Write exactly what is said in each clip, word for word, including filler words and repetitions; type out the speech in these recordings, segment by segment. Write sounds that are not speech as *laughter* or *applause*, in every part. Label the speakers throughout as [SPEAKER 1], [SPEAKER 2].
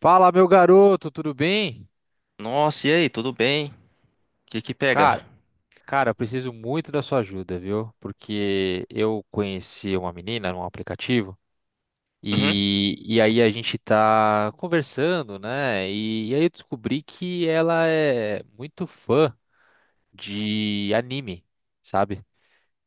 [SPEAKER 1] Fala, meu garoto, tudo bem?
[SPEAKER 2] Nossa, e aí, tudo bem? O que que pega?
[SPEAKER 1] Cara, cara, eu preciso muito da sua ajuda, viu? Porque eu conheci uma menina num aplicativo
[SPEAKER 2] Uhum.
[SPEAKER 1] e, e aí a gente tá conversando, né? E, e aí eu descobri que ela é muito fã de anime, sabe?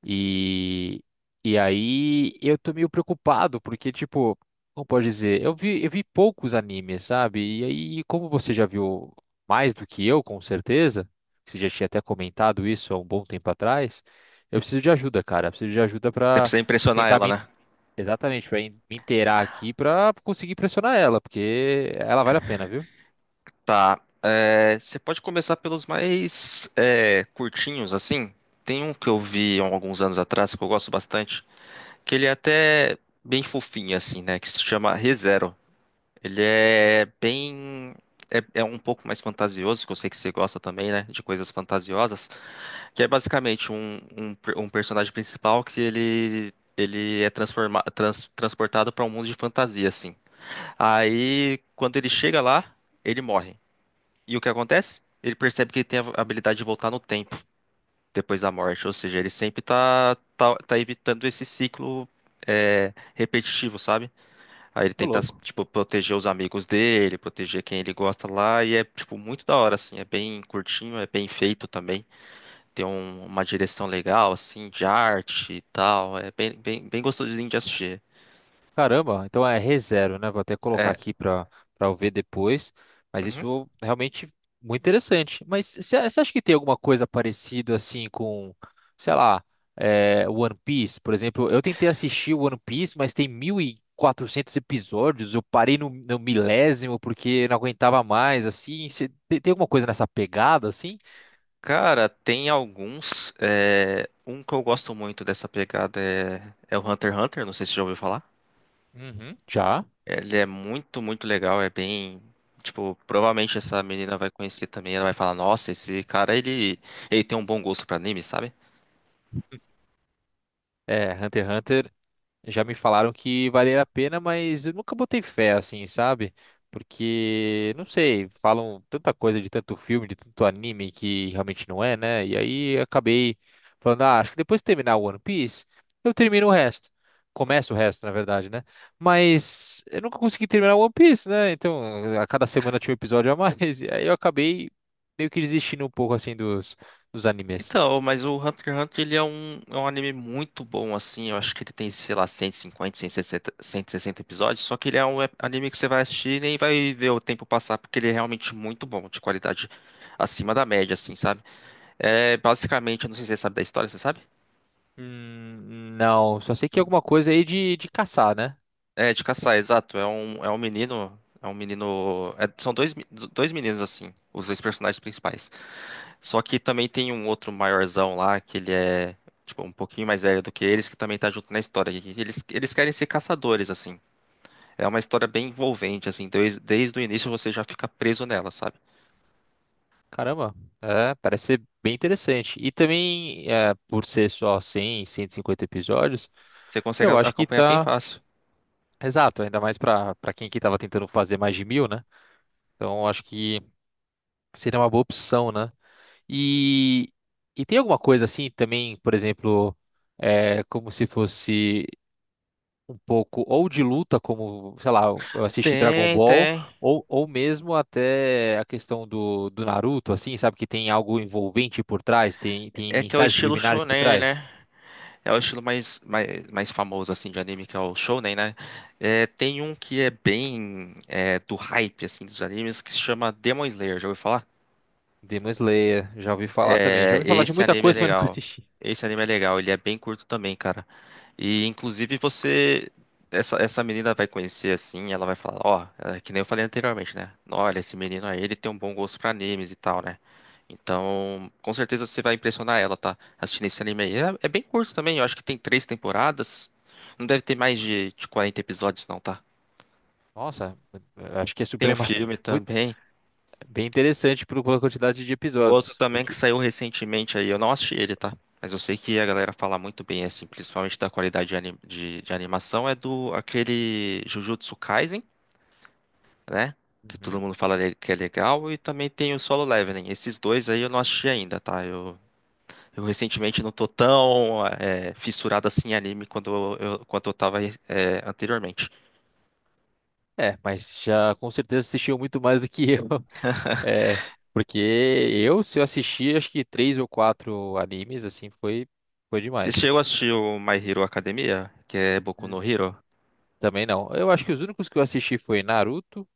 [SPEAKER 1] E, e aí eu tô meio preocupado, porque, tipo, como pode dizer, eu vi, eu vi poucos animes, sabe? E aí, como você já viu mais do que eu, com certeza, você já tinha até comentado isso há um bom tempo atrás, eu preciso de ajuda, cara. Eu preciso de ajuda
[SPEAKER 2] Você
[SPEAKER 1] pra
[SPEAKER 2] precisa impressionar
[SPEAKER 1] tentar
[SPEAKER 2] ela,
[SPEAKER 1] me,
[SPEAKER 2] né?
[SPEAKER 1] exatamente, pra me inteirar aqui pra conseguir pressionar ela, porque ela vale a pena, viu?
[SPEAKER 2] Tá. É, você pode começar pelos mais é, curtinhos, assim. Tem um que eu vi há alguns anos atrás, que eu gosto bastante, que ele é até bem fofinho, assim, né? Que se chama ReZero. Ele é bem. É, é um pouco mais fantasioso, que eu sei que você gosta também, né? De coisas fantasiosas. Que é basicamente um, um, per- um personagem principal que ele, ele é transforma, trans- transportado para um mundo de fantasia, assim. Aí, quando ele chega lá, ele morre. E o que acontece? Ele percebe que ele tem a habilidade de voltar no tempo depois da morte. Ou seja, ele sempre tá, tá, tá evitando esse ciclo é, repetitivo, sabe? Aí ele
[SPEAKER 1] Ô,
[SPEAKER 2] tenta,
[SPEAKER 1] louco.
[SPEAKER 2] tipo, proteger os amigos dele, proteger quem ele gosta lá. E é, tipo, muito da hora, assim. É bem curtinho, é bem feito também. Tem um- uma direção legal, assim, de arte e tal. É bem, bem, bem gostosinho de assistir.
[SPEAKER 1] Caramba, então é ReZero, né? Vou até colocar
[SPEAKER 2] É.
[SPEAKER 1] aqui para para eu ver depois. Mas
[SPEAKER 2] Uhum.
[SPEAKER 1] isso realmente muito interessante. Mas você acha que tem alguma coisa parecida assim com, sei lá, é, One Piece, por exemplo? Eu tentei assistir One Piece, mas tem mil e quatrocentos episódios. Eu parei no, no milésimo porque não aguentava mais, assim. Cê- tem, tem alguma coisa nessa pegada, assim?
[SPEAKER 2] Cara, tem alguns. é, Um que eu gosto muito dessa pegada é, é o Hunter x Hunter, não sei se você já ouviu falar.
[SPEAKER 1] Uhum, já.
[SPEAKER 2] Ele é muito, muito legal, é bem. Tipo, provavelmente essa menina vai conhecer também, ela vai falar, nossa, esse cara, ele, ele tem um bom gosto pra anime, sabe?
[SPEAKER 1] É, Hunter x Hunter, já me falaram que valia a pena, mas eu nunca botei fé assim, sabe? Porque, não sei, falam tanta coisa de tanto filme, de tanto anime que realmente não é, né? E aí eu acabei falando, ah, acho que depois de terminar o One Piece, eu termino o resto. Começo o resto, na verdade, né? Mas eu nunca consegui terminar o One Piece, né? Então, a cada semana tinha um episódio a mais, *laughs* e aí eu acabei meio que desistindo um pouco assim dos, dos animes.
[SPEAKER 2] Então, mas o Hunter x Hunter ele é um, é um anime muito bom, assim. Eu acho que ele tem, sei lá, cento cento e e cinquenta, cento e sessenta, cento e sessenta episódios. Só que ele é um ep- anime que você vai assistir e nem vai ver o tempo passar, porque ele é realmente muito bom, de qualidade acima da média, assim, sabe? É basicamente, eu não sei se você sabe da história, você sabe?
[SPEAKER 1] Hum, não, só sei que é alguma coisa aí de, de caçar, né?
[SPEAKER 2] É de caçar, exato. É um, é um menino. É um menino. É- são dois, me- dois meninos, assim, os dois personagens principais. Só que também tem um outro maiorzão lá, que ele é, tipo, um pouquinho mais velho do que eles, que também tá junto na história. E Eles, eles querem ser caçadores, assim. É uma história bem envolvente, assim. Desde, desde o início você já fica preso nela, sabe?
[SPEAKER 1] Caramba, é, parece ser bem interessante. E também, é, por ser só cem, cento e cinquenta episódios,
[SPEAKER 2] Você consegue
[SPEAKER 1] eu
[SPEAKER 2] a-
[SPEAKER 1] acho que
[SPEAKER 2] acompanhar bem
[SPEAKER 1] tá
[SPEAKER 2] fácil.
[SPEAKER 1] exato, ainda mais pra para quem que tava tentando fazer mais de mil, né? Então, eu acho que seria uma boa opção, né? E, e tem alguma coisa assim também, por exemplo, é, como se fosse um pouco ou de luta, como, sei lá, eu assisti Dragon
[SPEAKER 2] Tem,
[SPEAKER 1] Ball,
[SPEAKER 2] tem.
[SPEAKER 1] ou, ou mesmo até a questão do, do Naruto, assim, sabe, que tem algo envolvente por trás, tem, tem
[SPEAKER 2] É que é o
[SPEAKER 1] mensagens
[SPEAKER 2] estilo
[SPEAKER 1] subliminares por
[SPEAKER 2] shonen,
[SPEAKER 1] trás.
[SPEAKER 2] né? É o estilo mais, mais, mais famoso, assim, de anime, que é o shonen, né? É, tem um que é bem é, do hype, assim, dos animes, que se chama Demon Slayer. Já ouviu falar?
[SPEAKER 1] Demon Slayer, já ouvi falar também. Já
[SPEAKER 2] É,
[SPEAKER 1] ouvi falar de
[SPEAKER 2] esse
[SPEAKER 1] muita
[SPEAKER 2] anime é
[SPEAKER 1] coisa, mas nunca
[SPEAKER 2] legal.
[SPEAKER 1] assisti.
[SPEAKER 2] Esse anime é legal, ele é bem curto também, cara. E inclusive você. Essa, essa menina vai conhecer assim, ela vai falar, ó, é, que nem eu falei anteriormente, né? Olha, esse menino aí, ele tem um bom gosto pra animes e tal, né? Então, com certeza você vai impressionar ela, tá? Assistindo esse anime aí. É, é bem curto também, eu acho que tem três temporadas. Não deve ter mais de, de quarenta episódios, não, tá?
[SPEAKER 1] Nossa, eu acho que é
[SPEAKER 2] Tem um
[SPEAKER 1] suprema,
[SPEAKER 2] filme
[SPEAKER 1] *laughs* muito,
[SPEAKER 2] também.
[SPEAKER 1] bem interessante pelo- pela quantidade de
[SPEAKER 2] Um outro
[SPEAKER 1] episódios.
[SPEAKER 2] também que
[SPEAKER 1] Porque.
[SPEAKER 2] saiu recentemente aí, eu não assisti ele, tá? Mas eu sei que a galera fala muito bem, assim, principalmente da qualidade de, ani- de- de animação, é do aquele Jujutsu Kaisen, né? Que todo
[SPEAKER 1] Uhum.
[SPEAKER 2] mundo fala le- que é legal, e também tem o Solo Leveling. Esses dois aí eu não assisti ainda, tá? Eu, eu recentemente não tô tão é, fissurado assim em anime quando eu, eu- quanto eu tava é, anteriormente.
[SPEAKER 1] É, mas já com certeza assistiu muito mais do que eu.
[SPEAKER 2] *laughs*
[SPEAKER 1] É, porque eu, se eu assisti, acho que três ou quatro animes, assim, foi, foi
[SPEAKER 2] Você
[SPEAKER 1] demais.
[SPEAKER 2] chegou a assistir o My Hero Academia, que é Boku
[SPEAKER 1] Hum.
[SPEAKER 2] no Hero?
[SPEAKER 1] Também não. Eu acho que os únicos que eu assisti foi Naruto,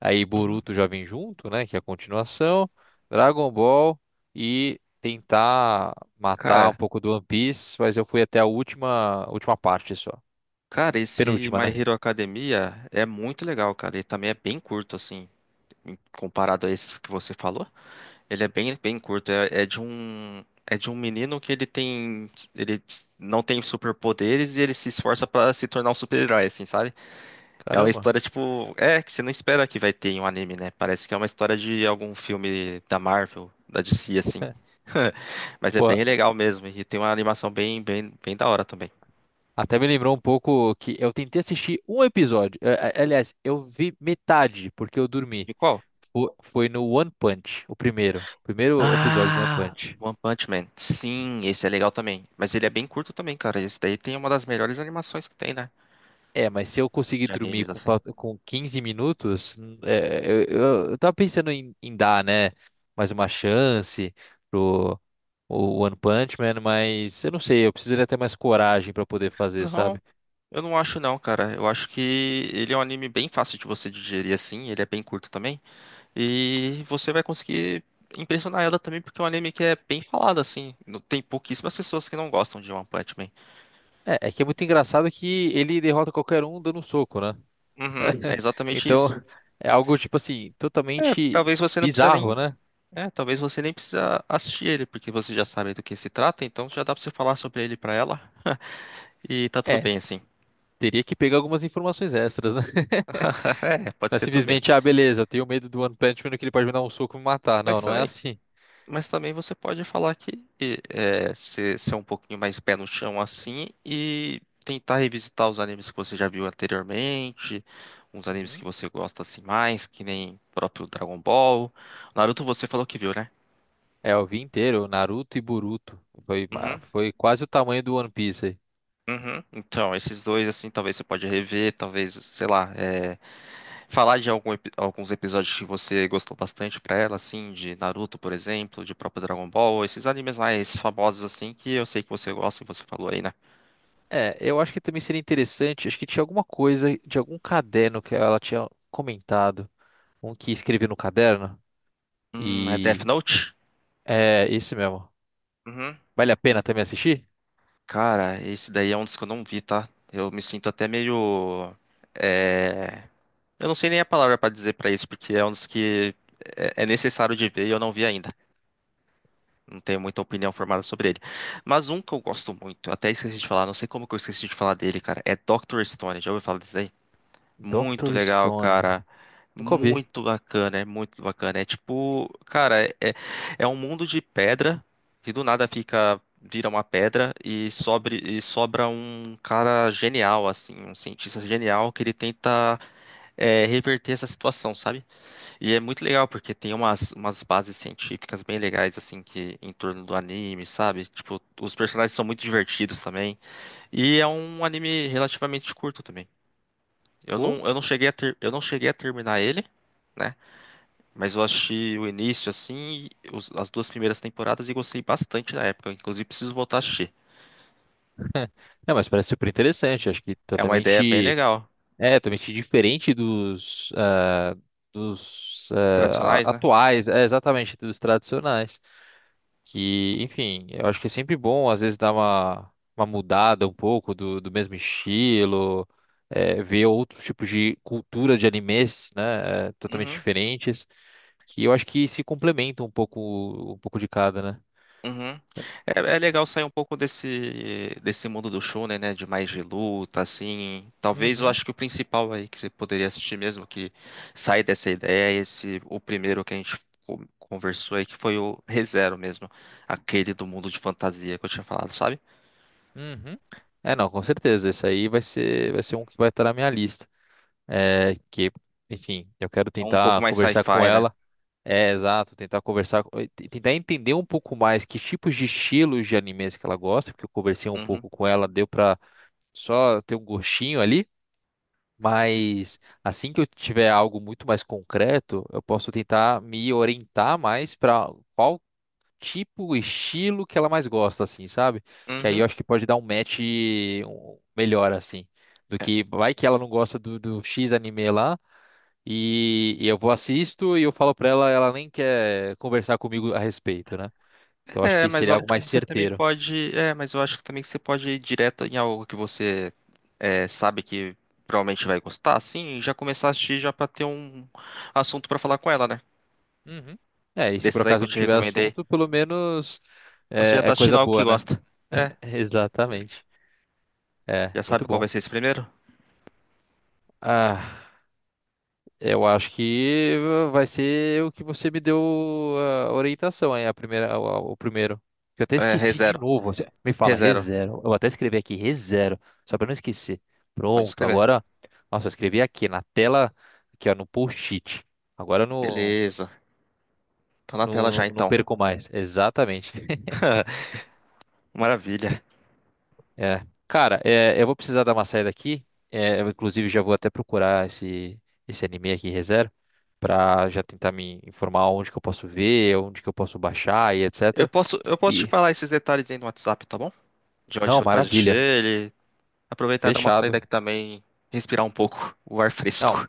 [SPEAKER 1] aí
[SPEAKER 2] Uhum.
[SPEAKER 1] Boruto já vem junto, né, que é a continuação, Dragon Ball e tentar matar um
[SPEAKER 2] Cara,
[SPEAKER 1] pouco do One Piece, mas eu fui até a última, última parte só.
[SPEAKER 2] Cara, esse
[SPEAKER 1] Penúltima,
[SPEAKER 2] My
[SPEAKER 1] né?
[SPEAKER 2] Hero Academia é muito legal, cara. Ele também é bem curto, assim, em- comparado a esses que você falou. Ele é bem, bem curto. É, é de um, é de um menino que ele tem, ele não tem superpoderes e ele se esforça pra se tornar um super-herói, assim, sabe? É uma
[SPEAKER 1] Caramba.
[SPEAKER 2] história tipo, é que você não espera que vai ter em um anime, né? Parece que é uma história de algum filme da Marvel, da D C, assim. *laughs* Mas é
[SPEAKER 1] Pô,
[SPEAKER 2] bem legal mesmo e tem uma animação bem, bem, bem da hora também.
[SPEAKER 1] até me lembrou um pouco que eu tentei assistir um episódio. Eh, eh, Aliás, eu vi metade porque eu dormi.
[SPEAKER 2] E qual?
[SPEAKER 1] Fo- Foi no One Punch, o primeiro. Primeiro episódio do One
[SPEAKER 2] Ah,
[SPEAKER 1] Punch.
[SPEAKER 2] One Punch Man. Sim, esse é legal também. Mas ele é bem curto também, cara. Esse daí tem uma das melhores animações que tem, né?
[SPEAKER 1] É, mas se eu conseguir
[SPEAKER 2] De
[SPEAKER 1] dormir
[SPEAKER 2] animes,
[SPEAKER 1] com,
[SPEAKER 2] assim.
[SPEAKER 1] falta- com quinze minutos, hum, é, eu, eu, eu tava pensando em, em dar, né, mais uma chance pro o One Punch Man, mas eu não sei, eu precisaria ter mais coragem pra poder fazer,
[SPEAKER 2] Não,
[SPEAKER 1] sabe?
[SPEAKER 2] eu não acho não, cara. Eu acho que ele é um anime bem fácil de você digerir, assim. Ele é bem curto também. E você vai conseguir impressionar ela também, porque é um anime que é bem falado, assim. Não- Tem pouquíssimas pessoas que não gostam de One Punch Man.
[SPEAKER 1] É, é que é muito engraçado que ele derrota qualquer um dando um soco, né?
[SPEAKER 2] Uhum, é
[SPEAKER 1] *laughs*
[SPEAKER 2] exatamente
[SPEAKER 1] Então,
[SPEAKER 2] isso.
[SPEAKER 1] é algo, tipo assim,
[SPEAKER 2] É,
[SPEAKER 1] totalmente
[SPEAKER 2] talvez você não precisa nem
[SPEAKER 1] bizarro, né?
[SPEAKER 2] É, talvez você nem precisa assistir ele, porque você já sabe do que se trata, então já dá pra você falar sobre ele pra ela e tá tudo
[SPEAKER 1] É,
[SPEAKER 2] bem assim.
[SPEAKER 1] teria que pegar algumas informações extras, né?
[SPEAKER 2] *laughs* É, pode
[SPEAKER 1] Não é
[SPEAKER 2] ser também.
[SPEAKER 1] simplesmente, ah, beleza, eu tenho medo do One Punch Man que ele pode me dar um soco e me matar. Não,
[SPEAKER 2] Mas
[SPEAKER 1] não é
[SPEAKER 2] também,
[SPEAKER 1] assim.
[SPEAKER 2] mas também você pode falar que é, ser, ser um pouquinho mais pé no chão assim e tentar revisitar os animes que você já viu anteriormente, uns animes
[SPEAKER 1] Uhum.
[SPEAKER 2] que você gosta assim mais, que nem próprio Dragon Ball. Naruto você falou que viu, né?
[SPEAKER 1] É, eu vi inteiro, Naruto e Boruto. Foi, ma-
[SPEAKER 2] Uhum.
[SPEAKER 1] foi quase o tamanho do One Piece aí.
[SPEAKER 2] Uhum. Então, esses dois, assim, talvez você pode rever, talvez, sei lá, é, falar de algum epi- alguns episódios que você gostou bastante pra ela, assim, de Naruto, por exemplo, de próprio Dragon Ball, esses animes mais famosos, assim, que eu sei que você gosta e você falou aí, né?
[SPEAKER 1] É, eu acho que também seria interessante, acho que tinha alguma coisa de algum caderno que ela tinha comentado. Um que escreveu no caderno.
[SPEAKER 2] Hum, é Death
[SPEAKER 1] E
[SPEAKER 2] Note?
[SPEAKER 1] é esse mesmo.
[SPEAKER 2] Uhum.
[SPEAKER 1] Vale a pena também assistir?
[SPEAKER 2] Cara, esse daí é um dos que eu não vi, tá? Eu me sinto até meio. É... Eu não sei nem a palavra pra dizer pra isso, porque é um dos que é é necessário de ver e eu não vi ainda. Não tenho muita opinião formada sobre ele. Mas um que eu gosto muito, até esqueci de falar, não sei como que eu esqueci de falar dele, cara, é doutor Stone. Já ouviu falar disso aí? Muito
[SPEAKER 1] doutor
[SPEAKER 2] legal,
[SPEAKER 1] Stone.
[SPEAKER 2] cara.
[SPEAKER 1] Nunca ouvi.
[SPEAKER 2] Muito bacana, é muito bacana. É tipo, cara, é, é é um mundo de pedra que do nada fica, vira uma pedra e, sobre, e sobra um cara genial, assim, um cientista genial que ele tenta é, reverter essa situação, sabe? E é muito legal, porque tem umas, umas bases científicas bem legais, assim, que em torno do anime, sabe? Tipo, os personagens são muito divertidos também. E é um anime relativamente curto também. Eu
[SPEAKER 1] Pô.
[SPEAKER 2] não, eu não cheguei a ter, eu não cheguei a terminar ele, né? Mas eu achei o início, assim, os- as duas primeiras temporadas e gostei bastante na época. Inclusive, preciso voltar a assistir.
[SPEAKER 1] É, mas parece super interessante. Acho que
[SPEAKER 2] É uma ideia bem
[SPEAKER 1] totalmente.
[SPEAKER 2] legal.
[SPEAKER 1] É, totalmente diferente dos, ah, dos ah,
[SPEAKER 2] Tradicionais,
[SPEAKER 1] a-
[SPEAKER 2] né?
[SPEAKER 1] atuais, é, exatamente, dos tradicionais. Que, enfim, eu acho que é sempre bom, às vezes, dar uma, uma mudada um pouco do, do mesmo estilo, é, ver outros tipos de cultura de animes, né, é, totalmente
[SPEAKER 2] Uhum.
[SPEAKER 1] diferentes, que eu acho que se complementam um pouco, um pouco de cada, né?
[SPEAKER 2] Uhum. É, é legal sair um pouco desse desse mundo do shonen, né? De mais de luta, assim. Talvez eu
[SPEAKER 1] Uhum,
[SPEAKER 2] acho que o principal aí que você poderia assistir mesmo, que sai dessa ideia, é esse o primeiro que a gente co- conversou aí, que foi o Re:Zero mesmo. Aquele do mundo de fantasia que eu tinha falado, sabe?
[SPEAKER 1] uhum. É, não, com certeza, esse aí vai ser, vai ser um que vai estar na minha lista. É, que, enfim, eu quero
[SPEAKER 2] É um pouco
[SPEAKER 1] tentar
[SPEAKER 2] mais
[SPEAKER 1] conversar com
[SPEAKER 2] sci-fi, né?
[SPEAKER 1] ela. É, exato, tentar conversar, co- e tentar entender um pouco mais que tipos de estilos de animes que ela gosta, porque eu conversei um
[SPEAKER 2] Uhum.
[SPEAKER 1] pouco com ela, deu pra só ter um gostinho ali, mas assim que eu tiver algo muito mais concreto, eu posso tentar me orientar mais para qual tipo, estilo que ela mais gosta, assim, sabe? Que aí
[SPEAKER 2] Uhum.
[SPEAKER 1] eu acho que pode dar um match um- melhor, assim, do que vai que ela não gosta do, do, X anime lá. E, e eu vou assisto e eu falo pra ela, ela nem quer conversar comigo a respeito, né? Então acho
[SPEAKER 2] É,
[SPEAKER 1] que
[SPEAKER 2] mas eu
[SPEAKER 1] seria
[SPEAKER 2] acho
[SPEAKER 1] algo
[SPEAKER 2] que
[SPEAKER 1] mais
[SPEAKER 2] você também
[SPEAKER 1] certeiro.
[SPEAKER 2] pode. É, mas eu acho que também que você pode ir direto em algo que você é, sabe que provavelmente vai gostar, assim, e já começar a assistir já pra ter um assunto pra falar com ela, né?
[SPEAKER 1] Uhum. É, e se por
[SPEAKER 2] Desses aí que
[SPEAKER 1] acaso
[SPEAKER 2] eu
[SPEAKER 1] não
[SPEAKER 2] te
[SPEAKER 1] tiver
[SPEAKER 2] recomendei.
[SPEAKER 1] assunto, pelo menos
[SPEAKER 2] Você já
[SPEAKER 1] é,
[SPEAKER 2] tá
[SPEAKER 1] é
[SPEAKER 2] assistindo
[SPEAKER 1] coisa
[SPEAKER 2] algo que
[SPEAKER 1] boa, né?
[SPEAKER 2] gosta. É.
[SPEAKER 1] *laughs* Exatamente.
[SPEAKER 2] Já
[SPEAKER 1] É, muito
[SPEAKER 2] sabe qual vai
[SPEAKER 1] bom.
[SPEAKER 2] ser esse primeiro?
[SPEAKER 1] Ah. Eu acho que vai ser o que você me deu a orientação aí, a primeira, o, o primeiro. Que eu até
[SPEAKER 2] É,
[SPEAKER 1] esqueci de
[SPEAKER 2] ReZero.
[SPEAKER 1] novo. Você me fala,
[SPEAKER 2] ReZero.
[SPEAKER 1] rezero. Eu vou até escrevi aqui, rezero, só para não esquecer.
[SPEAKER 2] Pode
[SPEAKER 1] Pronto,
[SPEAKER 2] escrever.
[SPEAKER 1] agora. Nossa, eu escrevi aqui na tela, aqui ó, no post-it. Agora eu não,
[SPEAKER 2] Beleza. Tá na
[SPEAKER 1] não,
[SPEAKER 2] tela
[SPEAKER 1] não,
[SPEAKER 2] já
[SPEAKER 1] não
[SPEAKER 2] então.
[SPEAKER 1] perco mais. Exatamente.
[SPEAKER 2] *laughs* Maravilha.
[SPEAKER 1] É. Cara, é, eu vou precisar dar uma saída aqui. É, eu, inclusive, já vou até procurar esse, esse anime aqui, Re:Zero, pra já tentar me informar onde que eu posso ver, onde que eu posso baixar e
[SPEAKER 2] Eu
[SPEAKER 1] etcétera.
[SPEAKER 2] posso, eu posso te
[SPEAKER 1] E,
[SPEAKER 2] falar esses detalhes aí no WhatsApp, tá bom? De onde
[SPEAKER 1] não,
[SPEAKER 2] você pode assistir
[SPEAKER 1] maravilha.
[SPEAKER 2] ele. Aproveitar e dar uma saída
[SPEAKER 1] Fechado.
[SPEAKER 2] aqui também, respirar um pouco o ar
[SPEAKER 1] Não,
[SPEAKER 2] fresco.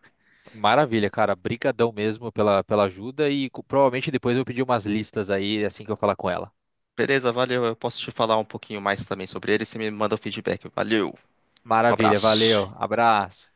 [SPEAKER 1] maravilha, cara. Brigadão mesmo pela, pela ajuda e co- provavelmente depois eu vou pedir umas listas aí assim que eu falar com ela.
[SPEAKER 2] Beleza, valeu. Eu posso te falar um pouquinho mais também sobre ele. Você me manda o feedback. Valeu, um
[SPEAKER 1] Maravilha,
[SPEAKER 2] abraço.
[SPEAKER 1] valeu. Abraço.